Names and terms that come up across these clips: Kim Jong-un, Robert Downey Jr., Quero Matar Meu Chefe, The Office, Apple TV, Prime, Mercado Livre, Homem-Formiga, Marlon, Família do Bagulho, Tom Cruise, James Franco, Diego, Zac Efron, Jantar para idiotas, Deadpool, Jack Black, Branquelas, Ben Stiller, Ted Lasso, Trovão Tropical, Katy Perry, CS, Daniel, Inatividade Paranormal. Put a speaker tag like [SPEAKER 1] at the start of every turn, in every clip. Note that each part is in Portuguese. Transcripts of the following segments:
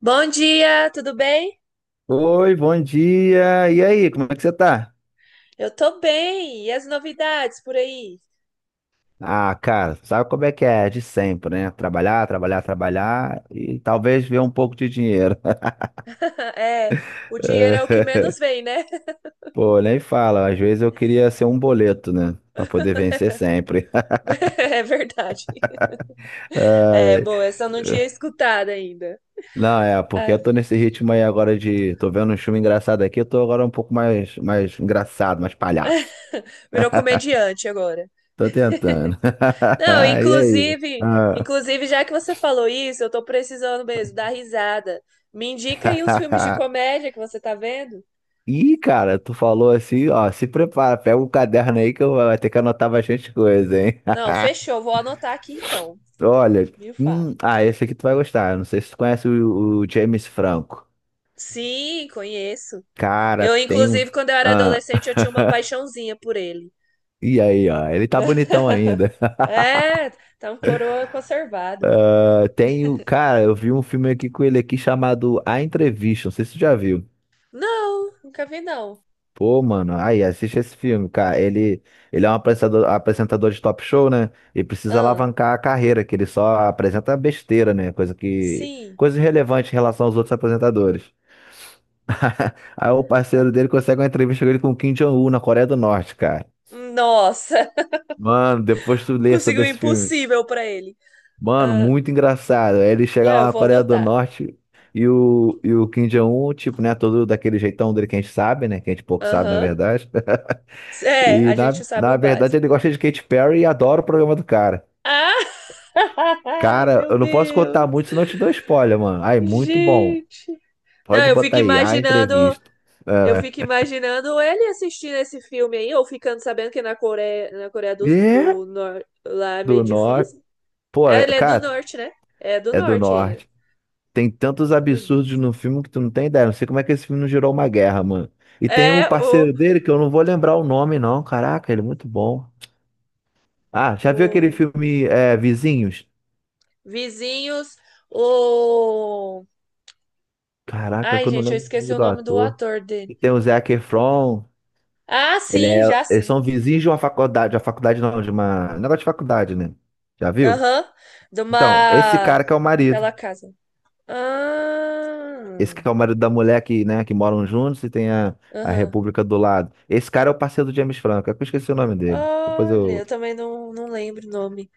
[SPEAKER 1] Bom dia, tudo bem?
[SPEAKER 2] Oi, bom dia. E aí, como é que você tá?
[SPEAKER 1] Eu tô bem. E as novidades por aí?
[SPEAKER 2] Ah, cara, sabe como é que é? De sempre, né? Trabalhar, trabalhar, trabalhar e talvez ver um pouco de dinheiro.
[SPEAKER 1] É, o dinheiro é o que menos vem, né?
[SPEAKER 2] Pô, nem fala. Às vezes eu queria ser um boleto, né? Pra poder vencer sempre.
[SPEAKER 1] É verdade. É,
[SPEAKER 2] Ai,
[SPEAKER 1] bom, essa eu não tinha escutado ainda.
[SPEAKER 2] não, é, porque eu
[SPEAKER 1] É,
[SPEAKER 2] tô nesse ritmo aí agora de. Tô vendo um filme engraçado aqui, eu tô agora um pouco mais engraçado, mais palhaço.
[SPEAKER 1] virou comediante agora.
[SPEAKER 2] Tô tentando.
[SPEAKER 1] Não,
[SPEAKER 2] E aí?
[SPEAKER 1] inclusive,
[SPEAKER 2] Ah.
[SPEAKER 1] inclusive, já que você falou isso, eu tô precisando mesmo dar risada. Me indica aí uns filmes de comédia que você tá vendo?
[SPEAKER 2] Ih, cara, tu falou assim, ó, se prepara, pega o caderno aí que eu vou ter que anotar bastante coisa, hein?
[SPEAKER 1] Não, fechou, vou anotar aqui então,
[SPEAKER 2] Olha,
[SPEAKER 1] viu, Fá?
[SPEAKER 2] esse aqui tu vai gostar. Eu Não sei se tu conhece o James Franco.
[SPEAKER 1] Sim, conheço.
[SPEAKER 2] Cara,
[SPEAKER 1] Eu,
[SPEAKER 2] tem um.
[SPEAKER 1] inclusive, quando eu era
[SPEAKER 2] Ah,
[SPEAKER 1] adolescente, eu tinha uma paixãozinha por ele.
[SPEAKER 2] e aí, ó, ele tá bonitão ainda.
[SPEAKER 1] É, tá um coroa conservado.
[SPEAKER 2] Ah, tem o. Cara, eu vi um filme aqui com ele aqui chamado A Entrevista, não sei se tu já viu.
[SPEAKER 1] Não, nunca vi, não.
[SPEAKER 2] Pô, mano, aí assiste esse filme, cara. Ele é um apresentador, apresentador de top show, né? E precisa
[SPEAKER 1] Ah,
[SPEAKER 2] alavancar a carreira, que ele só apresenta besteira, né?
[SPEAKER 1] sim.
[SPEAKER 2] Coisa irrelevante em relação aos outros apresentadores. Aí o
[SPEAKER 1] Ah,
[SPEAKER 2] parceiro dele consegue uma entrevista com ele com o Kim Jong-un na Coreia do Norte, cara.
[SPEAKER 1] nossa,
[SPEAKER 2] Mano, depois tu lê
[SPEAKER 1] conseguiu
[SPEAKER 2] sobre
[SPEAKER 1] o
[SPEAKER 2] esse filme.
[SPEAKER 1] impossível pra ele.
[SPEAKER 2] Mano,
[SPEAKER 1] Ah,
[SPEAKER 2] muito engraçado. Aí ele
[SPEAKER 1] não,
[SPEAKER 2] chega lá
[SPEAKER 1] eu
[SPEAKER 2] na
[SPEAKER 1] vou
[SPEAKER 2] Coreia do
[SPEAKER 1] anotar.
[SPEAKER 2] Norte e o Kim Jong-un, tipo, né? Todo daquele jeitão dele que a gente sabe, né? Que a gente pouco sabe, na
[SPEAKER 1] Aham.
[SPEAKER 2] verdade.
[SPEAKER 1] É, a
[SPEAKER 2] E
[SPEAKER 1] gente
[SPEAKER 2] na,
[SPEAKER 1] sabe o
[SPEAKER 2] na verdade
[SPEAKER 1] básico.
[SPEAKER 2] ele gosta de Katy Perry e adora o programa do cara.
[SPEAKER 1] Ah,
[SPEAKER 2] Cara,
[SPEAKER 1] meu
[SPEAKER 2] eu não posso contar
[SPEAKER 1] Deus,
[SPEAKER 2] muito, senão eu te dou spoiler, mano. Ai, muito bom.
[SPEAKER 1] gente. Não,
[SPEAKER 2] Pode
[SPEAKER 1] eu fico
[SPEAKER 2] botar aí, a
[SPEAKER 1] imaginando
[SPEAKER 2] entrevista.
[SPEAKER 1] eu fico
[SPEAKER 2] É,
[SPEAKER 1] imaginando ele assistindo esse filme aí, ou ficando sabendo que na Coreia do,
[SPEAKER 2] é,
[SPEAKER 1] do Norte lá é meio
[SPEAKER 2] do norte.
[SPEAKER 1] difícil.
[SPEAKER 2] Pô,
[SPEAKER 1] É, ele é do
[SPEAKER 2] cara,
[SPEAKER 1] norte, né? É do
[SPEAKER 2] é do
[SPEAKER 1] norte ele.
[SPEAKER 2] norte. Tem
[SPEAKER 1] A
[SPEAKER 2] tantos absurdos
[SPEAKER 1] entrevista.
[SPEAKER 2] no filme que tu não tem ideia. Não sei como é que esse filme não gerou uma guerra, mano. E tem um
[SPEAKER 1] É
[SPEAKER 2] parceiro dele que eu não vou lembrar o nome, não. Caraca, ele é muito bom. Ah, já viu aquele
[SPEAKER 1] o
[SPEAKER 2] filme é, Vizinhos?
[SPEAKER 1] Vizinhos, o.
[SPEAKER 2] Caraca,
[SPEAKER 1] Ai,
[SPEAKER 2] que eu não
[SPEAKER 1] gente, eu
[SPEAKER 2] lembro o
[SPEAKER 1] esqueci
[SPEAKER 2] nome
[SPEAKER 1] o
[SPEAKER 2] do
[SPEAKER 1] nome do
[SPEAKER 2] ator.
[SPEAKER 1] ator dele.
[SPEAKER 2] E tem o Zac Efron.
[SPEAKER 1] Ah,
[SPEAKER 2] Ele é,
[SPEAKER 1] sim, já
[SPEAKER 2] eles
[SPEAKER 1] sim.
[SPEAKER 2] são vizinhos de uma faculdade, a faculdade não, de uma, um negócio de faculdade, né? Já viu?
[SPEAKER 1] Aham. De
[SPEAKER 2] Então, esse
[SPEAKER 1] uma.
[SPEAKER 2] cara que é o marido,
[SPEAKER 1] Aquela casa.
[SPEAKER 2] esse
[SPEAKER 1] Ah.
[SPEAKER 2] que é o marido da mulher que, né, que moram juntos e tem a
[SPEAKER 1] Aham.
[SPEAKER 2] República do lado. Esse cara é o parceiro do James Franco, é que eu esqueci o nome dele. Depois
[SPEAKER 1] Olha,
[SPEAKER 2] eu...
[SPEAKER 1] eu também não lembro o nome.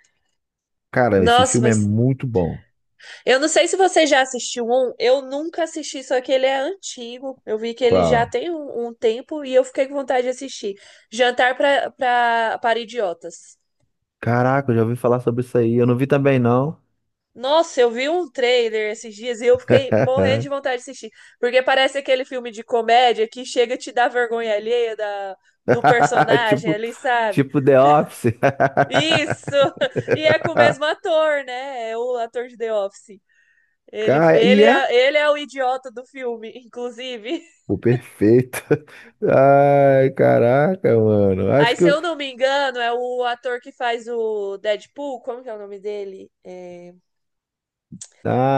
[SPEAKER 2] Cara, esse
[SPEAKER 1] Nossa,
[SPEAKER 2] filme é
[SPEAKER 1] mas
[SPEAKER 2] muito bom.
[SPEAKER 1] eu não sei se você já assistiu um, eu nunca assisti, só que ele é antigo. Eu vi que ele já
[SPEAKER 2] Qual?
[SPEAKER 1] tem um, um tempo e eu fiquei com vontade de assistir. Jantar para Idiotas.
[SPEAKER 2] Caraca, eu já ouvi falar sobre isso aí, eu não vi também não.
[SPEAKER 1] Nossa, eu vi um trailer esses dias e eu fiquei morrendo de vontade de assistir. Porque parece aquele filme de comédia que chega a te dar vergonha alheia da, do personagem
[SPEAKER 2] Tipo,
[SPEAKER 1] ali, sabe?
[SPEAKER 2] tipo The Office.
[SPEAKER 1] Isso! E é com o mesmo ator, né? É o ator de The Office.
[SPEAKER 2] Cara, e é
[SPEAKER 1] Ele é o idiota do filme, inclusive.
[SPEAKER 2] o perfeito. Ai, caraca, mano.
[SPEAKER 1] Aí,
[SPEAKER 2] Acho que
[SPEAKER 1] se
[SPEAKER 2] eu...
[SPEAKER 1] eu não me engano, é o ator que faz o Deadpool. Como que é o nome dele? É,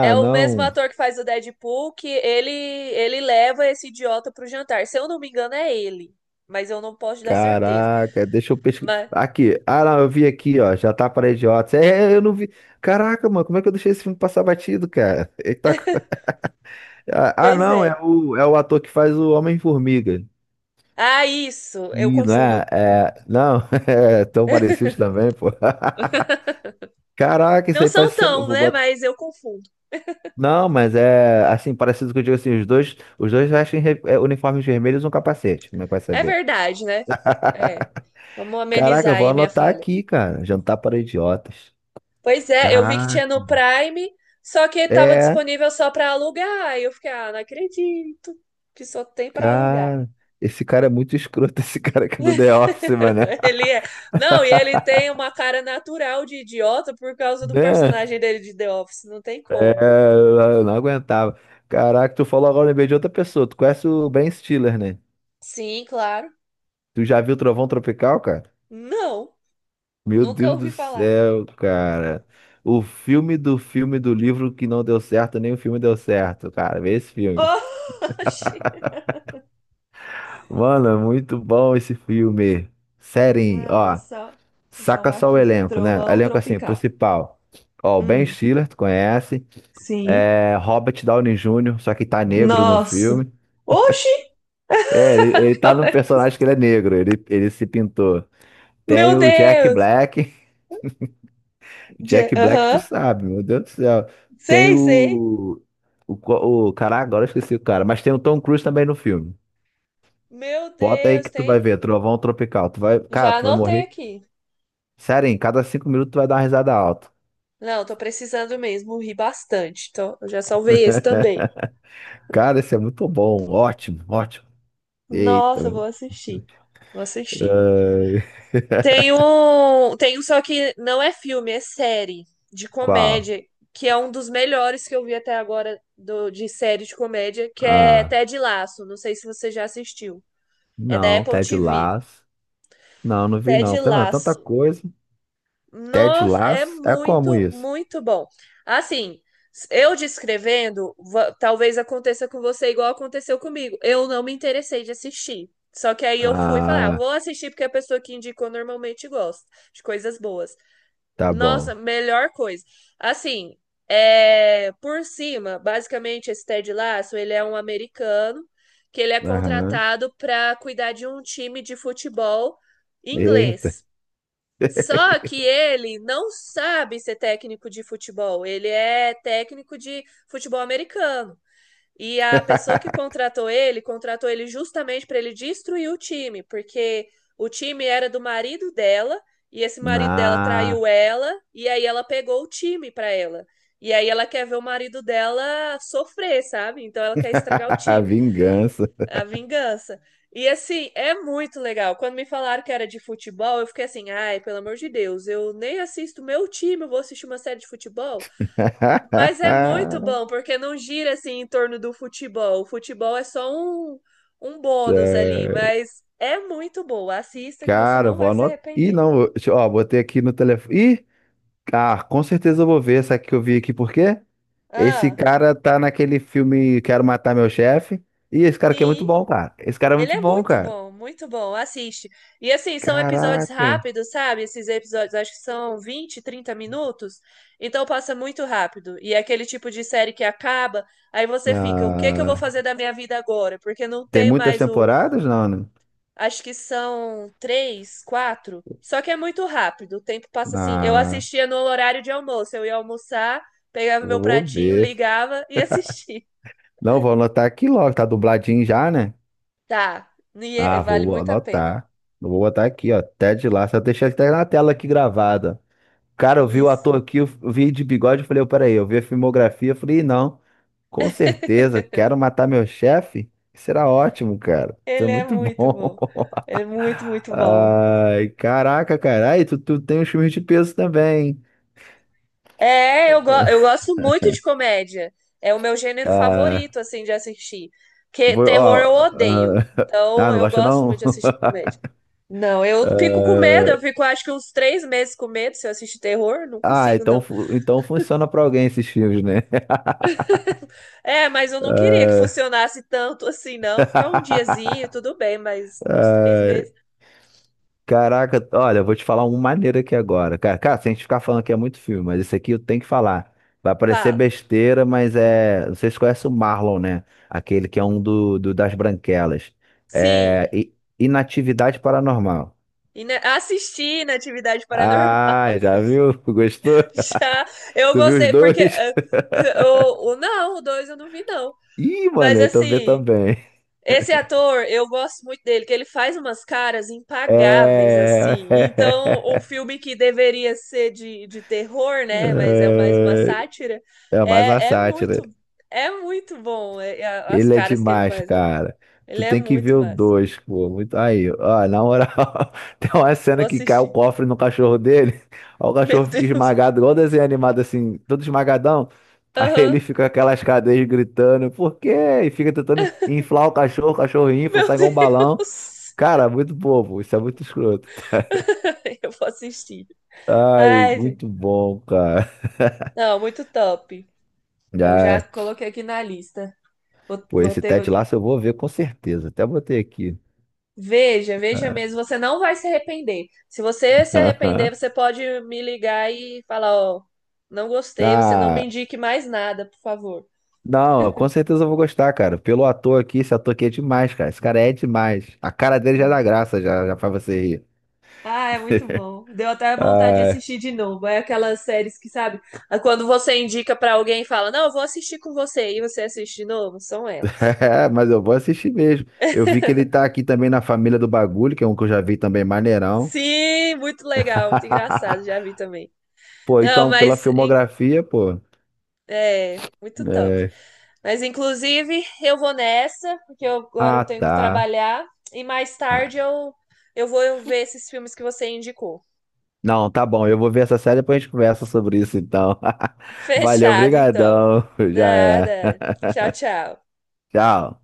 [SPEAKER 1] é o mesmo
[SPEAKER 2] não.
[SPEAKER 1] ator que faz o Deadpool que ele leva esse idiota pro jantar. Se eu não me engano, é ele. Mas eu não posso te dar certeza.
[SPEAKER 2] Caraca, deixa eu pesquisar.
[SPEAKER 1] Mas,
[SPEAKER 2] Aqui. Ah, não, eu vi aqui, ó. Já tá para idiotas. Eu não vi. Caraca, mano, como é que eu deixei esse filme passar batido, cara? Ele tá...
[SPEAKER 1] pois
[SPEAKER 2] não, é
[SPEAKER 1] é.
[SPEAKER 2] o, é o ator que faz o Homem-Formiga.
[SPEAKER 1] Ah, isso. Eu
[SPEAKER 2] Ih, não
[SPEAKER 1] confundo.
[SPEAKER 2] é? É, não, é tão parecido também, pô. Caraca, isso
[SPEAKER 1] Não
[SPEAKER 2] aí
[SPEAKER 1] são
[SPEAKER 2] parece ser.
[SPEAKER 1] tão,
[SPEAKER 2] Vou
[SPEAKER 1] né?
[SPEAKER 2] botar
[SPEAKER 1] Mas eu confundo.
[SPEAKER 2] não, mas é assim, parecido com o que eu digo assim, os dois vestem uniformes vermelhos e um capacete, como é que vai
[SPEAKER 1] É
[SPEAKER 2] saber?
[SPEAKER 1] verdade, né? É. Vamos
[SPEAKER 2] Caraca,
[SPEAKER 1] amenizar
[SPEAKER 2] eu vou
[SPEAKER 1] aí minha
[SPEAKER 2] anotar
[SPEAKER 1] falha.
[SPEAKER 2] aqui, cara. Jantar para idiotas.
[SPEAKER 1] Pois é, eu vi que
[SPEAKER 2] Caraca.
[SPEAKER 1] tinha no Prime, só que tava
[SPEAKER 2] É,
[SPEAKER 1] disponível só para alugar. Aí eu fiquei, ah, não acredito que só tem para alugar.
[SPEAKER 2] cara. Esse cara é muito escroto, esse cara aqui do The Office, mano.
[SPEAKER 1] Ele é. Não, e ele tem uma cara natural de idiota por causa do
[SPEAKER 2] Né?
[SPEAKER 1] personagem dele de The Office, não tem
[SPEAKER 2] É,
[SPEAKER 1] como.
[SPEAKER 2] eu não aguentava. Caraca, tu falou agora, eu lembrei de outra pessoa. Tu conhece o Ben Stiller, né?
[SPEAKER 1] Sim, claro.
[SPEAKER 2] Tu já viu Trovão Tropical, cara?
[SPEAKER 1] Não,
[SPEAKER 2] Meu
[SPEAKER 1] nunca
[SPEAKER 2] Deus do
[SPEAKER 1] ouvi falar.
[SPEAKER 2] céu, cara. O filme do livro que não deu certo, nem o filme deu certo, cara. Vê esse filme.
[SPEAKER 1] Oxi.
[SPEAKER 2] Mano, é muito bom esse filme. Sério,
[SPEAKER 1] Ah,
[SPEAKER 2] ó.
[SPEAKER 1] vou
[SPEAKER 2] Saca
[SPEAKER 1] salvar
[SPEAKER 2] só o
[SPEAKER 1] aqui.
[SPEAKER 2] elenco, né?
[SPEAKER 1] Trovão
[SPEAKER 2] Elenco assim,
[SPEAKER 1] tropical.
[SPEAKER 2] principal. Ó, o Ben
[SPEAKER 1] Hum,
[SPEAKER 2] Stiller, tu conhece.
[SPEAKER 1] sim.
[SPEAKER 2] É, Robert Downey Jr., só que tá negro no
[SPEAKER 1] Nossa.
[SPEAKER 2] filme.
[SPEAKER 1] Oxi!
[SPEAKER 2] É, ele tá num personagem que ele é negro, ele se pintou. Tem
[SPEAKER 1] Meu
[SPEAKER 2] o Jack
[SPEAKER 1] Deus!
[SPEAKER 2] Black.
[SPEAKER 1] Je-
[SPEAKER 2] Jack Black, tu
[SPEAKER 1] aham.
[SPEAKER 2] sabe, meu Deus do céu. Tem
[SPEAKER 1] Sei, sei.
[SPEAKER 2] o. O cara, agora eu esqueci o cara, mas tem o Tom Cruise também no filme.
[SPEAKER 1] Meu
[SPEAKER 2] Bota aí
[SPEAKER 1] Deus,
[SPEAKER 2] que tu vai
[SPEAKER 1] tem.
[SPEAKER 2] ver, Trovão Tropical. Tu vai, cara,
[SPEAKER 1] Já
[SPEAKER 2] tu vai
[SPEAKER 1] anotei
[SPEAKER 2] morrer.
[SPEAKER 1] aqui.
[SPEAKER 2] Sério, em cada cinco minutos tu vai dar uma risada alta.
[SPEAKER 1] Não, tô precisando mesmo, ri bastante. Então, eu já salvei esse também.
[SPEAKER 2] Cara, esse é muito bom. Ótimo, ótimo. Eita.
[SPEAKER 1] Nossa, vou assistir. Vou assistir.
[SPEAKER 2] Ah,
[SPEAKER 1] Tem um só que não é filme, é série de
[SPEAKER 2] Qual?
[SPEAKER 1] comédia, que é um dos melhores que eu vi até agora do, de série de comédia, que é
[SPEAKER 2] Ah,
[SPEAKER 1] Ted Lasso. Não sei se você já assistiu. É da
[SPEAKER 2] não,
[SPEAKER 1] Apple
[SPEAKER 2] Ted
[SPEAKER 1] TV.
[SPEAKER 2] Lasso. Não, não vi
[SPEAKER 1] Ted
[SPEAKER 2] não. Tá vendo? Tanta
[SPEAKER 1] Lasso.
[SPEAKER 2] coisa. Ted
[SPEAKER 1] Nossa, é
[SPEAKER 2] Lasso? É como
[SPEAKER 1] muito,
[SPEAKER 2] isso?
[SPEAKER 1] muito bom. Assim, eu descrevendo, va- talvez aconteça com você igual aconteceu comigo. Eu não me interessei de assistir. Só que aí eu fui falar, ah,
[SPEAKER 2] Ah,
[SPEAKER 1] vou assistir porque é a pessoa que indicou normalmente gosta de coisas boas.
[SPEAKER 2] tá bom.
[SPEAKER 1] Nossa, melhor coisa. Assim, é, por cima, basicamente esse Ted Lasso, ele é um americano que ele é
[SPEAKER 2] Aham.
[SPEAKER 1] contratado para cuidar de um time de futebol
[SPEAKER 2] Eita.
[SPEAKER 1] inglês. Só que ele não sabe ser técnico de futebol. Ele é técnico de futebol americano. E a pessoa que contratou ele justamente para ele destruir o time, porque o time era do marido dela, e esse marido dela
[SPEAKER 2] Ah,
[SPEAKER 1] traiu ela, e aí ela pegou o time para ela. E aí ela quer ver o marido dela sofrer, sabe? Então ela quer estragar o time.
[SPEAKER 2] vingança.
[SPEAKER 1] A vingança. E assim, é muito legal. Quando me falaram que era de futebol, eu fiquei assim, ai, pelo amor de Deus, eu nem assisto meu time, eu vou assistir uma série de futebol. Mas é muito bom, porque não gira assim em torno do futebol. O futebol é só um, um bônus ali,
[SPEAKER 2] É,
[SPEAKER 1] mas é muito boa. Assista que você
[SPEAKER 2] cara,
[SPEAKER 1] não
[SPEAKER 2] vou
[SPEAKER 1] vai se
[SPEAKER 2] anotar. Ih,
[SPEAKER 1] arrepender.
[SPEAKER 2] não, eu- deixa eu- ó, botei aqui no telefone. Ih, ah, com certeza eu vou ver essa aqui que eu vi aqui, por quê? Esse
[SPEAKER 1] Ah,
[SPEAKER 2] cara tá naquele filme Quero Matar Meu Chefe. Ih, esse cara aqui é muito
[SPEAKER 1] sim.
[SPEAKER 2] bom, cara. Esse cara é
[SPEAKER 1] Ele
[SPEAKER 2] muito
[SPEAKER 1] é
[SPEAKER 2] bom,
[SPEAKER 1] muito
[SPEAKER 2] cara.
[SPEAKER 1] bom, muito bom. Assiste. E assim, são episódios
[SPEAKER 2] Caraca.
[SPEAKER 1] rápidos, sabe? Esses episódios acho que são 20, 30 minutos. Então passa muito rápido. E é aquele tipo de série que acaba, aí você fica, o que que eu vou
[SPEAKER 2] Ah,
[SPEAKER 1] fazer da minha vida agora? Porque não
[SPEAKER 2] tem
[SPEAKER 1] tem
[SPEAKER 2] muitas
[SPEAKER 1] mais o.
[SPEAKER 2] temporadas, não, né?
[SPEAKER 1] Acho que são três, quatro. Só que é muito rápido. O tempo passa assim. Eu
[SPEAKER 2] Ah,
[SPEAKER 1] assistia no horário de almoço. Eu ia almoçar, pegava meu
[SPEAKER 2] vou
[SPEAKER 1] pratinho,
[SPEAKER 2] ver.
[SPEAKER 1] ligava e assistia.
[SPEAKER 2] Não, vou anotar aqui logo, tá dubladinho já, né?
[SPEAKER 1] Tá. E é-
[SPEAKER 2] Ah,
[SPEAKER 1] vale
[SPEAKER 2] vou
[SPEAKER 1] muito a pena.
[SPEAKER 2] anotar. Eu Vou botar aqui, ó. Ted Lasso. Eu deixei até na tela aqui gravada. Cara, eu vi o
[SPEAKER 1] Isso.
[SPEAKER 2] ator aqui, eu vi de bigode, eu falei, "Ô, peraí, eu vi a filmografia, eu falei, "Ih, não, com certeza, quero matar meu chefe. Será ótimo, cara. Isso é
[SPEAKER 1] Ele é
[SPEAKER 2] muito
[SPEAKER 1] muito
[SPEAKER 2] bom.
[SPEAKER 1] bom. Ele é muito, muito bom.
[SPEAKER 2] Ai, caraca, cara. Aí, tu tem uns filmes de peso também.
[SPEAKER 1] Eu gosto muito de comédia. É o meu gênero
[SPEAKER 2] Ah,
[SPEAKER 1] favorito, assim, de assistir. Porque
[SPEAKER 2] vou,
[SPEAKER 1] terror
[SPEAKER 2] ó,
[SPEAKER 1] eu odeio.
[SPEAKER 2] ah, ah,
[SPEAKER 1] Então,
[SPEAKER 2] não
[SPEAKER 1] eu
[SPEAKER 2] gosta
[SPEAKER 1] gosto muito
[SPEAKER 2] não?
[SPEAKER 1] de assistir comédia. Não, eu fico com medo. Eu fico, acho que uns três meses com medo se eu assistir terror. Não
[SPEAKER 2] Ah,
[SPEAKER 1] consigo,
[SPEAKER 2] então,
[SPEAKER 1] não.
[SPEAKER 2] então funciona pra alguém esses filmes, né?
[SPEAKER 1] É, mas eu não queria que funcionasse tanto assim, não. Ficar um
[SPEAKER 2] Ah,
[SPEAKER 1] diazinho, tudo bem, mas uns três meses.
[SPEAKER 2] Caraca, olha, eu vou te falar um maneiro aqui agora. Cara, se a gente ficar falando que é muito filme, mas esse aqui eu tenho que falar. Vai parecer
[SPEAKER 1] Fala.
[SPEAKER 2] besteira, mas é. Vocês conhecem o Marlon, né? Aquele que é um das Branquelas. É.
[SPEAKER 1] Sim.
[SPEAKER 2] Inatividade Paranormal.
[SPEAKER 1] E, né, assistir na atividade paranormal.
[SPEAKER 2] Ah, já viu? Gostou?
[SPEAKER 1] Já eu
[SPEAKER 2] Tu viu os
[SPEAKER 1] gostei,
[SPEAKER 2] dois?
[SPEAKER 1] não, o dois eu não vi, não.
[SPEAKER 2] Ih,
[SPEAKER 1] Mas
[SPEAKER 2] mano, então vê
[SPEAKER 1] assim,
[SPEAKER 2] também.
[SPEAKER 1] esse ator, eu gosto muito dele, que ele faz umas caras impagáveis,
[SPEAKER 2] É.
[SPEAKER 1] assim. Então, um filme que deveria ser de terror, né? Mas é mais uma
[SPEAKER 2] É,
[SPEAKER 1] sátira,
[SPEAKER 2] é mais uma
[SPEAKER 1] é, é
[SPEAKER 2] sátira.
[SPEAKER 1] muito, é muito bom as
[SPEAKER 2] Ele é
[SPEAKER 1] caras que ele
[SPEAKER 2] demais,
[SPEAKER 1] faz lá.
[SPEAKER 2] cara. Tu
[SPEAKER 1] Ele é
[SPEAKER 2] tem que ver
[SPEAKER 1] muito
[SPEAKER 2] o
[SPEAKER 1] massa.
[SPEAKER 2] dois, pô. Muito... Aí, ó, na moral, tem uma
[SPEAKER 1] Vou
[SPEAKER 2] cena que cai o
[SPEAKER 1] assistir.
[SPEAKER 2] cofre no cachorro dele. Ó, o
[SPEAKER 1] Meu
[SPEAKER 2] cachorro fica
[SPEAKER 1] Deus.
[SPEAKER 2] esmagado, igual desenho animado, assim, todo esmagadão. Aí
[SPEAKER 1] Aham.
[SPEAKER 2] ele fica com aquelas cadeias gritando, por quê? E fica tentando inflar o cachorro infla,
[SPEAKER 1] Meu
[SPEAKER 2] sai igual um balão.
[SPEAKER 1] Deus.
[SPEAKER 2] Cara, muito bobo, isso é muito escroto.
[SPEAKER 1] Eu vou assistir.
[SPEAKER 2] Ai,
[SPEAKER 1] Ai,
[SPEAKER 2] muito bom, cara.
[SPEAKER 1] não, muito top. Eu já
[SPEAKER 2] Ai,
[SPEAKER 1] coloquei aqui na lista.
[SPEAKER 2] pô,
[SPEAKER 1] Vou
[SPEAKER 2] esse
[SPEAKER 1] ter.
[SPEAKER 2] Ted Lasso eu vou ver com certeza. Até botei aqui.
[SPEAKER 1] Veja, veja mesmo, você não vai se arrepender. Se você se arrepender, você pode me ligar e falar, ó, não gostei, você não me
[SPEAKER 2] Ah,
[SPEAKER 1] indique mais nada, por favor.
[SPEAKER 2] não, com certeza eu vou gostar, cara. Pelo ator aqui, esse ator aqui é demais, cara. Esse cara é demais. A cara dele já
[SPEAKER 1] Hum.
[SPEAKER 2] dá graça, já, já faz você rir.
[SPEAKER 1] Ah, é muito bom. Deu até vontade de
[SPEAKER 2] Ah,
[SPEAKER 1] assistir de novo. É aquelas séries que, sabe, ah, quando você indica pra alguém e fala, não, eu vou assistir com você, e você assiste de novo, são elas.
[SPEAKER 2] mas eu vou assistir mesmo. Eu vi que ele tá aqui também na Família do Bagulho, que é um que eu já vi também, maneirão.
[SPEAKER 1] Sim, muito legal, muito engraçado, já vi também.
[SPEAKER 2] Pô,
[SPEAKER 1] Não,
[SPEAKER 2] então, pela
[SPEAKER 1] mas em
[SPEAKER 2] filmografia, pô.
[SPEAKER 1] É, muito top.
[SPEAKER 2] É.
[SPEAKER 1] Mas inclusive eu vou nessa, porque eu- agora eu
[SPEAKER 2] Ah,
[SPEAKER 1] tenho que
[SPEAKER 2] tá.
[SPEAKER 1] trabalhar e mais
[SPEAKER 2] Ah,
[SPEAKER 1] tarde eu vou ver esses filmes que você indicou.
[SPEAKER 2] não, tá bom. Eu vou ver essa série e depois a gente conversa sobre isso, então. Valeu,
[SPEAKER 1] Fechado, então.
[SPEAKER 2] brigadão. Já é.
[SPEAKER 1] Nada. Tchau, tchau.
[SPEAKER 2] Tchau.